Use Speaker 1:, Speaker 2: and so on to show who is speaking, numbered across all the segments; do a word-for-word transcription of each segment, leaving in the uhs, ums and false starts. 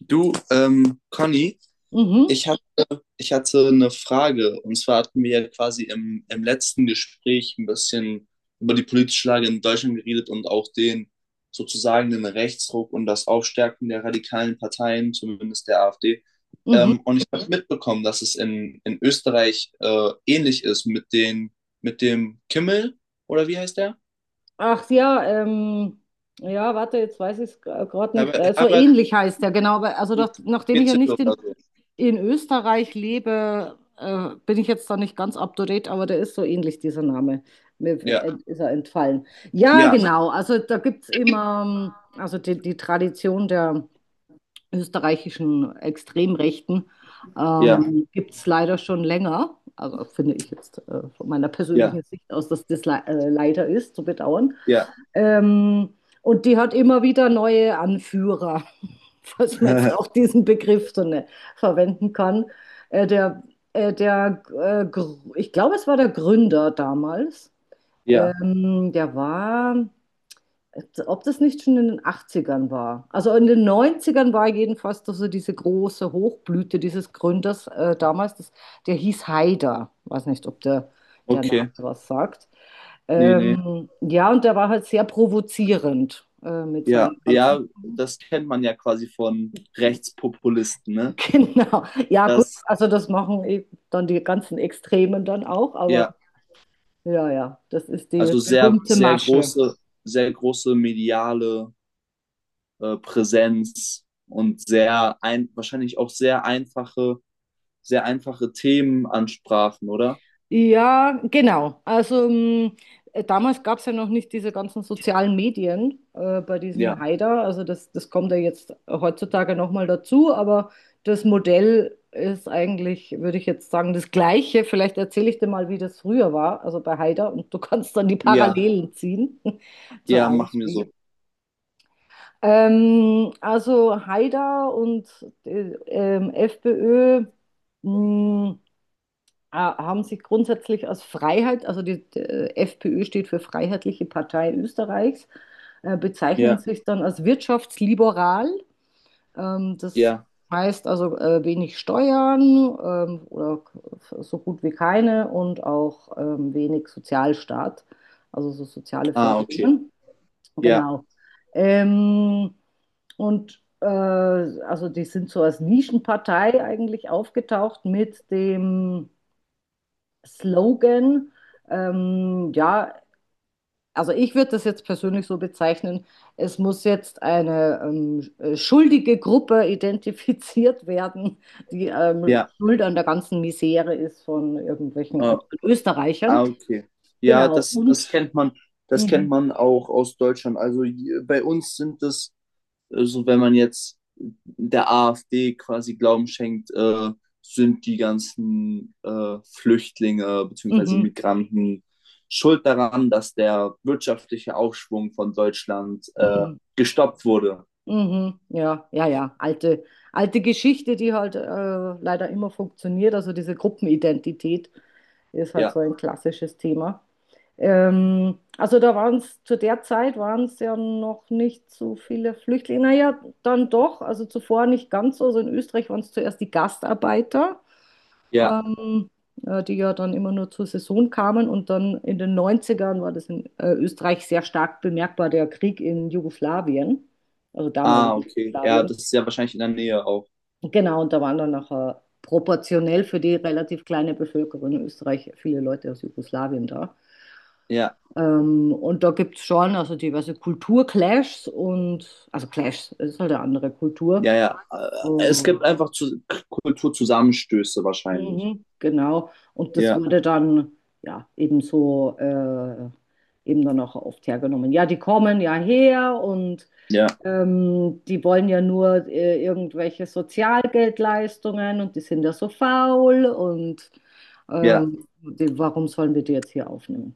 Speaker 1: Du, ähm, Conny,
Speaker 2: Mhm,
Speaker 1: ich hab, ich hatte eine Frage. Und zwar hatten wir ja quasi im, im letzten Gespräch ein bisschen über die politische Lage in Deutschland geredet und auch den sozusagen den Rechtsruck und das Aufstärken der radikalen Parteien, zumindest der AfD.
Speaker 2: mhm.
Speaker 1: Ähm, und ich habe mitbekommen, dass es in, in Österreich äh, ähnlich ist mit den, mit dem Kimmel, oder wie heißt der?
Speaker 2: Ach ja, ähm, ja, warte, jetzt weiß ich es gerade nicht.
Speaker 1: Herbert,
Speaker 2: Äh, so
Speaker 1: Herbert
Speaker 2: ähnlich heißt der, genau. Aber also doch, nachdem ich ja
Speaker 1: Kitzl
Speaker 2: nicht
Speaker 1: oder
Speaker 2: in,
Speaker 1: so.
Speaker 2: in Österreich lebe, äh, bin ich jetzt da nicht ganz up to date, aber der ist so ähnlich, dieser Name. Mir äh,
Speaker 1: Ja.
Speaker 2: ist er entfallen. Ja,
Speaker 1: Ja,
Speaker 2: genau. Also da gibt es immer, ähm, also die, die Tradition der österreichischen Extremrechten
Speaker 1: ja,
Speaker 2: ähm, gibt es leider schon länger. Also finde ich jetzt äh, von meiner
Speaker 1: ja,
Speaker 2: persönlichen Sicht aus, dass das le äh, leider ist, zu bedauern.
Speaker 1: ja,
Speaker 2: Ähm, und die hat immer wieder neue Anführer, falls man jetzt auch diesen Begriff so ne, verwenden kann. Äh, der, äh, der, äh, Gr- Ich glaube, es war der Gründer damals.
Speaker 1: ja.
Speaker 2: Ähm, der war, ob das nicht schon in den achtzigern war. Also in den neunzigern war jedenfalls doch so diese große Hochblüte dieses Gründers äh, damals, das, der hieß Haider. Weiß nicht, ob der, der Name
Speaker 1: Okay,
Speaker 2: was sagt.
Speaker 1: nee, nee.
Speaker 2: Ähm, ja, und der war halt sehr provozierend äh, mit
Speaker 1: Ja,
Speaker 2: seinen
Speaker 1: ja,
Speaker 2: ganzen.
Speaker 1: das kennt man ja quasi von Rechtspopulisten, ne?
Speaker 2: Genau. Ja, gut,
Speaker 1: Das,
Speaker 2: also das machen eben dann die ganzen Extremen dann auch, aber
Speaker 1: ja,
Speaker 2: ja, ja, das ist die
Speaker 1: also sehr,
Speaker 2: berühmte
Speaker 1: sehr
Speaker 2: Masche.
Speaker 1: große, sehr große mediale äh, Präsenz und sehr ein, wahrscheinlich auch sehr einfache, sehr einfache Themen ansprachen, oder?
Speaker 2: Ja, genau. Also mm, äh, damals gab es ja noch nicht diese ganzen sozialen Medien äh, bei diesem
Speaker 1: Ja,
Speaker 2: Haider. Also das, das kommt ja jetzt heutzutage nochmal dazu, aber das Modell ist eigentlich, würde ich jetzt sagen, das gleiche. Vielleicht erzähle ich dir mal, wie das früher war, also bei Haider, und du kannst dann die
Speaker 1: ja,
Speaker 2: Parallelen ziehen zur
Speaker 1: ja, machen wir so.
Speaker 2: AfD. Ähm, also Haider und äh, ähm, FPÖ. mm, Ah, Haben Sie grundsätzlich als Freiheit, also die, die FPÖ steht für Freiheitliche Partei Österreichs, äh, bezeichnen
Speaker 1: Ja,
Speaker 2: sich dann als wirtschaftsliberal. Ähm, das
Speaker 1: ja.
Speaker 2: heißt also äh, wenig Steuern, ähm, oder k- so gut wie keine, und auch ähm, wenig Sozialstaat, also so soziale
Speaker 1: Ah, okay.
Speaker 2: Förderungen.
Speaker 1: Ja,
Speaker 2: Genau. Ähm, und äh, also die sind so als Nischenpartei eigentlich aufgetaucht mit dem Slogan, ähm, ja, also ich würde das jetzt persönlich so bezeichnen, es muss jetzt eine ähm, äh, schuldige Gruppe identifiziert werden, die ähm,
Speaker 1: ja.
Speaker 2: schuld an der ganzen Misere ist von irgendwelchen
Speaker 1: Äh,
Speaker 2: anderen
Speaker 1: ah,
Speaker 2: Österreichern.
Speaker 1: okay. Ja,
Speaker 2: Genau,
Speaker 1: das, das
Speaker 2: und
Speaker 1: kennt man, das kennt
Speaker 2: mhm,
Speaker 1: man auch aus Deutschland. Also j- bei uns sind es, also wenn man jetzt der AfD quasi Glauben schenkt, äh, sind die ganzen äh, Flüchtlinge bzw.
Speaker 2: mhm,
Speaker 1: Migranten schuld daran, dass der wirtschaftliche Aufschwung von Deutschland äh,
Speaker 2: mhm.
Speaker 1: gestoppt wurde.
Speaker 2: Mhm, ja, ja, ja. Alte, alte Geschichte, die halt äh, leider immer funktioniert. Also diese Gruppenidentität ist halt so
Speaker 1: Ja,
Speaker 2: ein klassisches Thema. Ähm, also da waren es, zu der Zeit waren es ja noch nicht so viele Flüchtlinge. Naja, dann doch, also zuvor nicht ganz so. Also in Österreich waren es zuerst die Gastarbeiter,
Speaker 1: ja.
Speaker 2: ähm, äh, die ja dann immer nur zur Saison kamen. Und dann in den Neunzigern war das in äh, Österreich sehr stark bemerkbar, der Krieg in Jugoslawien, also
Speaker 1: Ah,
Speaker 2: damaligen
Speaker 1: okay. Ja,
Speaker 2: Jugoslawien.
Speaker 1: das ist ja wahrscheinlich in der Nähe auch.
Speaker 2: Genau, und da waren dann nachher proportionell für die relativ kleine Bevölkerung in Österreich viele Leute aus Jugoslawien da.
Speaker 1: Ja,
Speaker 2: Ähm, und da gibt es schon also diverse Kulturclashs und, also Clashs, es ist halt eine andere Kultur.
Speaker 1: ja, ja. Äh, Es
Speaker 2: Oh.
Speaker 1: gibt einfach zu, K- Kulturzusammenstöße wahrscheinlich.
Speaker 2: Mhm, genau. Und das
Speaker 1: Ja,
Speaker 2: wurde dann ja eben so äh, eben dann auch oft hergenommen. Ja, die kommen ja her und
Speaker 1: ja,
Speaker 2: ähm, die wollen ja nur äh, irgendwelche Sozialgeldleistungen und die sind ja so faul und
Speaker 1: ja.
Speaker 2: ähm, die, warum sollen wir die jetzt hier aufnehmen?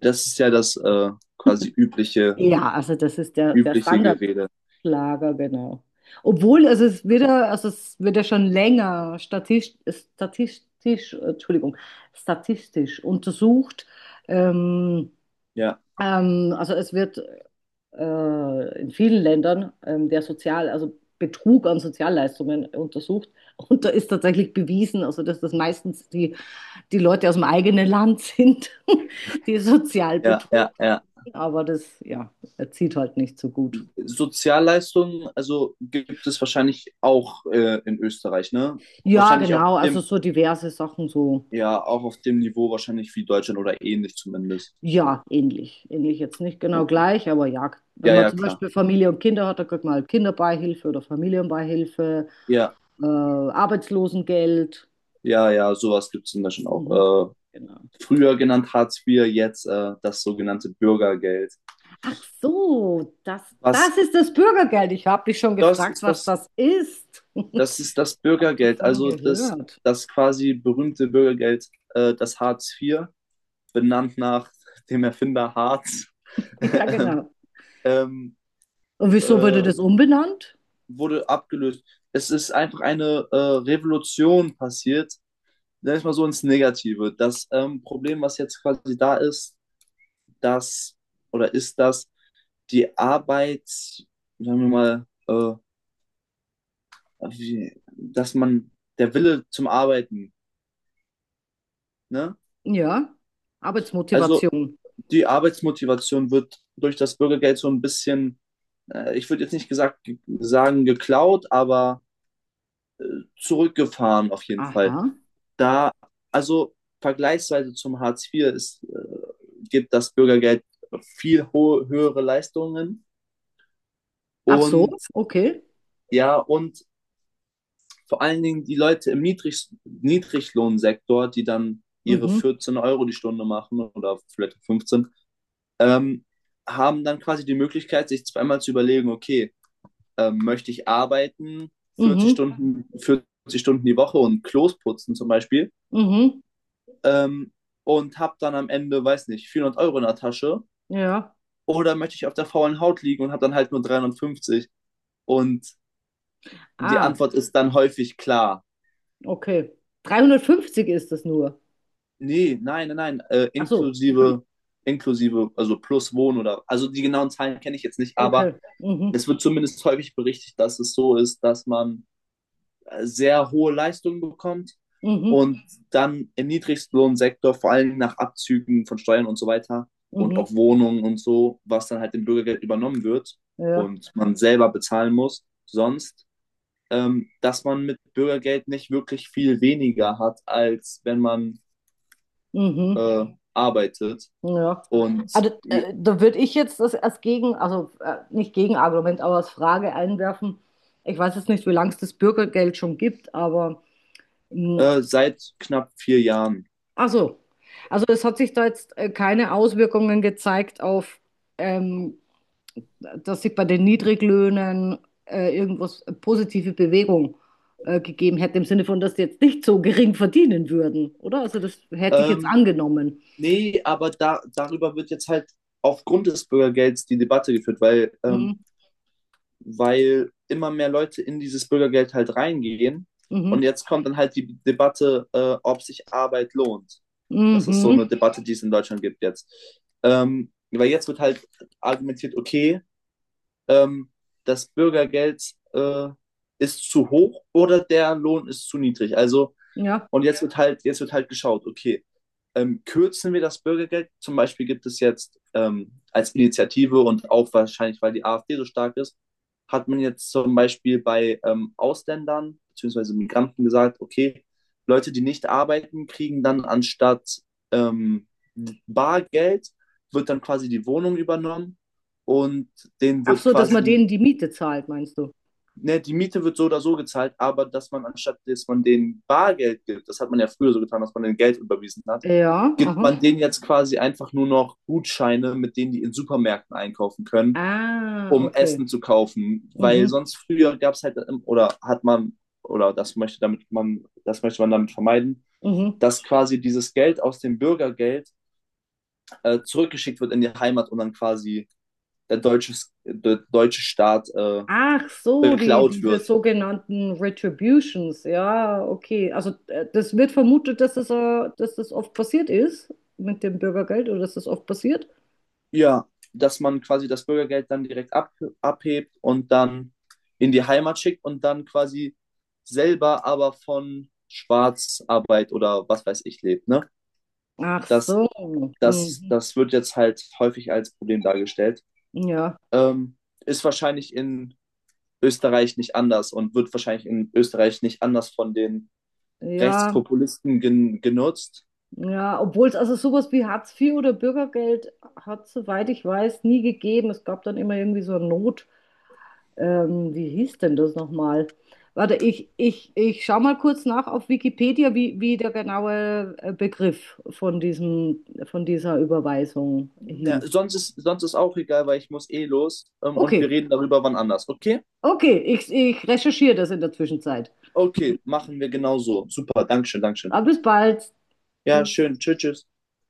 Speaker 1: Das ist ja das äh, quasi übliche,
Speaker 2: Ja, also das ist der, der
Speaker 1: übliche
Speaker 2: Standard.
Speaker 1: Gerede.
Speaker 2: Schlager, genau. Obwohl, also es wird ja, also es wird ja schon länger statistisch, statistisch, Entschuldigung, statistisch untersucht. Ähm,
Speaker 1: Ja.
Speaker 2: ähm, also es wird äh, in vielen Ländern ähm, der Sozial, also Betrug an Sozialleistungen untersucht. Und da ist tatsächlich bewiesen, also dass das meistens die, die Leute aus dem eigenen Land sind, die sozial
Speaker 1: Ja, ja,
Speaker 2: betrug.
Speaker 1: ja.
Speaker 2: Aber das, ja, zieht halt nicht so gut.
Speaker 1: Sozialleistungen, also gibt es wahrscheinlich auch äh, in Österreich, ne?
Speaker 2: Ja,
Speaker 1: Wahrscheinlich auch auf
Speaker 2: genau, also
Speaker 1: dem,
Speaker 2: so diverse Sachen, so,
Speaker 1: ja, auch auf dem Niveau wahrscheinlich wie Deutschland oder ähnlich zumindest.
Speaker 2: ja, ähnlich. Ähnlich jetzt nicht genau
Speaker 1: Okay.
Speaker 2: gleich, aber ja, wenn
Speaker 1: Ja,
Speaker 2: man
Speaker 1: ja,
Speaker 2: zum
Speaker 1: klar.
Speaker 2: Beispiel Familie und Kinder hat, dann kriegt man halt Kinderbeihilfe oder Familienbeihilfe,
Speaker 1: Ja,
Speaker 2: äh, Arbeitslosengeld.
Speaker 1: ja, ja, sowas gibt es in Deutschland
Speaker 2: Mhm,
Speaker 1: auch.
Speaker 2: genau.
Speaker 1: Äh, früher genannt Hartz vier, jetzt äh, das sogenannte Bürgergeld.
Speaker 2: Ach so, das,
Speaker 1: Was
Speaker 2: das ist das Bürgergeld. Ich habe dich schon
Speaker 1: das
Speaker 2: gefragt,
Speaker 1: ist
Speaker 2: was
Speaker 1: das,
Speaker 2: das ist.
Speaker 1: Das ist das
Speaker 2: Hab
Speaker 1: Bürgergeld,
Speaker 2: davon
Speaker 1: also das,
Speaker 2: gehört.
Speaker 1: das quasi berühmte Bürgergeld, äh, das Hartz vier, benannt nach dem Erfinder Hartz.
Speaker 2: Ja, genau.
Speaker 1: ähm,
Speaker 2: Und wieso wurde
Speaker 1: äh,
Speaker 2: das umbenannt?
Speaker 1: Wurde abgelöst. Es ist einfach eine äh, Revolution passiert, sag ich mal so ins Negative. Das ähm, Problem, was jetzt quasi da ist, dass oder ist das die Arbeit, sagen wir mal, äh, wie, dass man der Wille zum Arbeiten, ne?
Speaker 2: Ja,
Speaker 1: Also
Speaker 2: Arbeitsmotivation.
Speaker 1: die Arbeitsmotivation wird durch das Bürgergeld so ein bisschen, äh, ich würde jetzt nicht gesagt, sagen geklaut, aber zurückgefahren auf jeden Fall.
Speaker 2: Aha.
Speaker 1: Da, also vergleichsweise zum Hartz vier ist, äh, gibt das Bürgergeld viel ho- höhere Leistungen
Speaker 2: Ach so,
Speaker 1: und
Speaker 2: okay.
Speaker 1: ja, und vor allen Dingen die Leute im Niedrig Niedriglohnsektor, die dann ihre
Speaker 2: Mhm.
Speaker 1: vierzehn Euro die Stunde machen oder vielleicht fünfzehn, ähm, haben dann quasi die Möglichkeit, sich zweimal zu überlegen, okay, ähm, möchte ich arbeiten 40
Speaker 2: Mhm,
Speaker 1: Stunden, vierzig Stunden die Woche und Klos putzen zum Beispiel,
Speaker 2: mhm,
Speaker 1: ähm, und habe dann am Ende, weiß nicht, vierhundert Euro in der Tasche
Speaker 2: ja.
Speaker 1: oder möchte ich auf der faulen Haut liegen und habe dann halt nur dreihundertfünfzig? Und die
Speaker 2: Ah,
Speaker 1: Antwort ist dann häufig klar.
Speaker 2: okay. dreihundertfünfzig ist das nur.
Speaker 1: Nee, nein, nein, nein, äh,
Speaker 2: Ach so,
Speaker 1: inklusive, inklusive, also plus Wohnen oder, also die genauen Zahlen kenne ich jetzt nicht, aber
Speaker 2: okay. Mhm,
Speaker 1: es wird zumindest häufig berichtet, dass es so ist, dass man äh, sehr hohe Leistungen bekommt
Speaker 2: mhm,
Speaker 1: und dann im Niedriglohnsektor vor allem nach Abzügen von Steuern und so weiter und
Speaker 2: mhm,
Speaker 1: auch Wohnungen und so, was dann halt im Bürgergeld übernommen wird
Speaker 2: ja,
Speaker 1: und man selber bezahlen muss, sonst, ähm, dass man mit Bürgergeld nicht wirklich viel weniger hat, als wenn man
Speaker 2: mhm,
Speaker 1: äh, arbeitet,
Speaker 2: ja.
Speaker 1: und
Speaker 2: Also, äh, da würde ich jetzt das als Gegen, also äh, nicht Gegenargument, aber als Frage einwerfen. Ich weiß jetzt nicht, wie lange es das Bürgergeld schon gibt, aber mh,
Speaker 1: äh, seit knapp vier Jahren.
Speaker 2: ach so. Also es hat sich da jetzt äh, keine Auswirkungen gezeigt auf ähm, dass sich bei den Niedriglöhnen äh, irgendwas äh, positive Bewegung äh, gegeben hätte, im Sinne von, dass die jetzt nicht so gering verdienen würden, oder? Also das hätte ich jetzt
Speaker 1: Ähm,
Speaker 2: angenommen.
Speaker 1: Nee, aber da, darüber wird jetzt halt aufgrund des Bürgergelds die Debatte geführt, weil ähm,
Speaker 2: Mhm.
Speaker 1: weil immer mehr Leute in dieses Bürgergeld halt reingehen. Und
Speaker 2: Mhm.
Speaker 1: jetzt kommt dann halt die Debatte, äh, ob sich Arbeit lohnt. Das ist so
Speaker 2: Mhm.
Speaker 1: eine Debatte, die es in Deutschland gibt jetzt. Ähm, weil jetzt wird halt argumentiert, okay, ähm, das Bürgergeld äh, ist zu hoch oder der Lohn ist zu niedrig. Also
Speaker 2: Ja.
Speaker 1: und jetzt wird halt, jetzt wird halt geschaut, okay, ähm, kürzen wir das Bürgergeld? Zum Beispiel gibt es jetzt ähm, als Initiative und auch wahrscheinlich, weil die AfD so stark ist, hat man jetzt zum Beispiel bei ähm, Ausländern bzw. Migranten gesagt, okay, Leute, die nicht arbeiten, kriegen dann anstatt ähm, Bargeld, wird dann quasi die Wohnung übernommen, und denen
Speaker 2: Ach
Speaker 1: wird
Speaker 2: so, dass man
Speaker 1: quasi
Speaker 2: denen die Miete zahlt, meinst du?
Speaker 1: ne, die Miete wird so oder so gezahlt, aber dass man anstatt, dass man denen Bargeld gibt, das hat man ja früher so getan, dass man denen Geld überwiesen hat,
Speaker 2: Ja,
Speaker 1: gibt
Speaker 2: aha.
Speaker 1: man denen jetzt quasi einfach nur noch Gutscheine, mit denen die in Supermärkten einkaufen können,
Speaker 2: Ah,
Speaker 1: um
Speaker 2: okay.
Speaker 1: Essen zu kaufen. Weil
Speaker 2: Mhm.
Speaker 1: sonst früher gab es halt, oder hat man, oder das möchte damit man, das möchte man damit vermeiden,
Speaker 2: Mhm.
Speaker 1: dass quasi dieses Geld aus dem Bürgergeld äh, zurückgeschickt wird in die Heimat und dann quasi der deutsche, der deutsche Staat äh,
Speaker 2: Ach so, die,
Speaker 1: beklaut
Speaker 2: diese
Speaker 1: wird.
Speaker 2: sogenannten Retributions, ja, okay. Also äh, das wird vermutet, dass das, äh, dass das oft passiert ist mit dem Bürgergeld oder dass das oft passiert.
Speaker 1: Ja, dass man quasi das Bürgergeld dann direkt ab, abhebt und dann in die Heimat schickt und dann quasi selber aber von Schwarzarbeit oder was weiß ich lebt. Ne?
Speaker 2: Ach
Speaker 1: Das,
Speaker 2: so,
Speaker 1: das,
Speaker 2: mhm.
Speaker 1: Das wird jetzt halt häufig als Problem dargestellt.
Speaker 2: Ja,
Speaker 1: Ähm, Ist wahrscheinlich in Österreich nicht anders und wird wahrscheinlich in Österreich nicht anders von den
Speaker 2: ja,
Speaker 1: Rechtspopulisten gen genutzt.
Speaker 2: ja. Obwohl es also sowas wie Hartz vier oder Bürgergeld hat, soweit ich weiß, nie gegeben. Es gab dann immer irgendwie so eine Not. Ähm, wie hieß denn das nochmal? Warte, ich, ich, ich schau mal kurz nach auf Wikipedia, wie, wie der genaue äh, Begriff von diesem, von dieser Überweisung
Speaker 1: Ja,
Speaker 2: hieß.
Speaker 1: sonst, ist, sonst ist auch egal, weil ich muss eh los, ähm, und wir
Speaker 2: Okay,
Speaker 1: reden darüber wann anders, okay?
Speaker 2: okay, ich, ich recherchiere das in der Zwischenzeit.
Speaker 1: Okay, machen wir genauso. Super, Dankeschön, Dankeschön.
Speaker 2: Aber bis bald.
Speaker 1: Ja,
Speaker 2: Tschüss.
Speaker 1: schön. Tschüss, tschüss.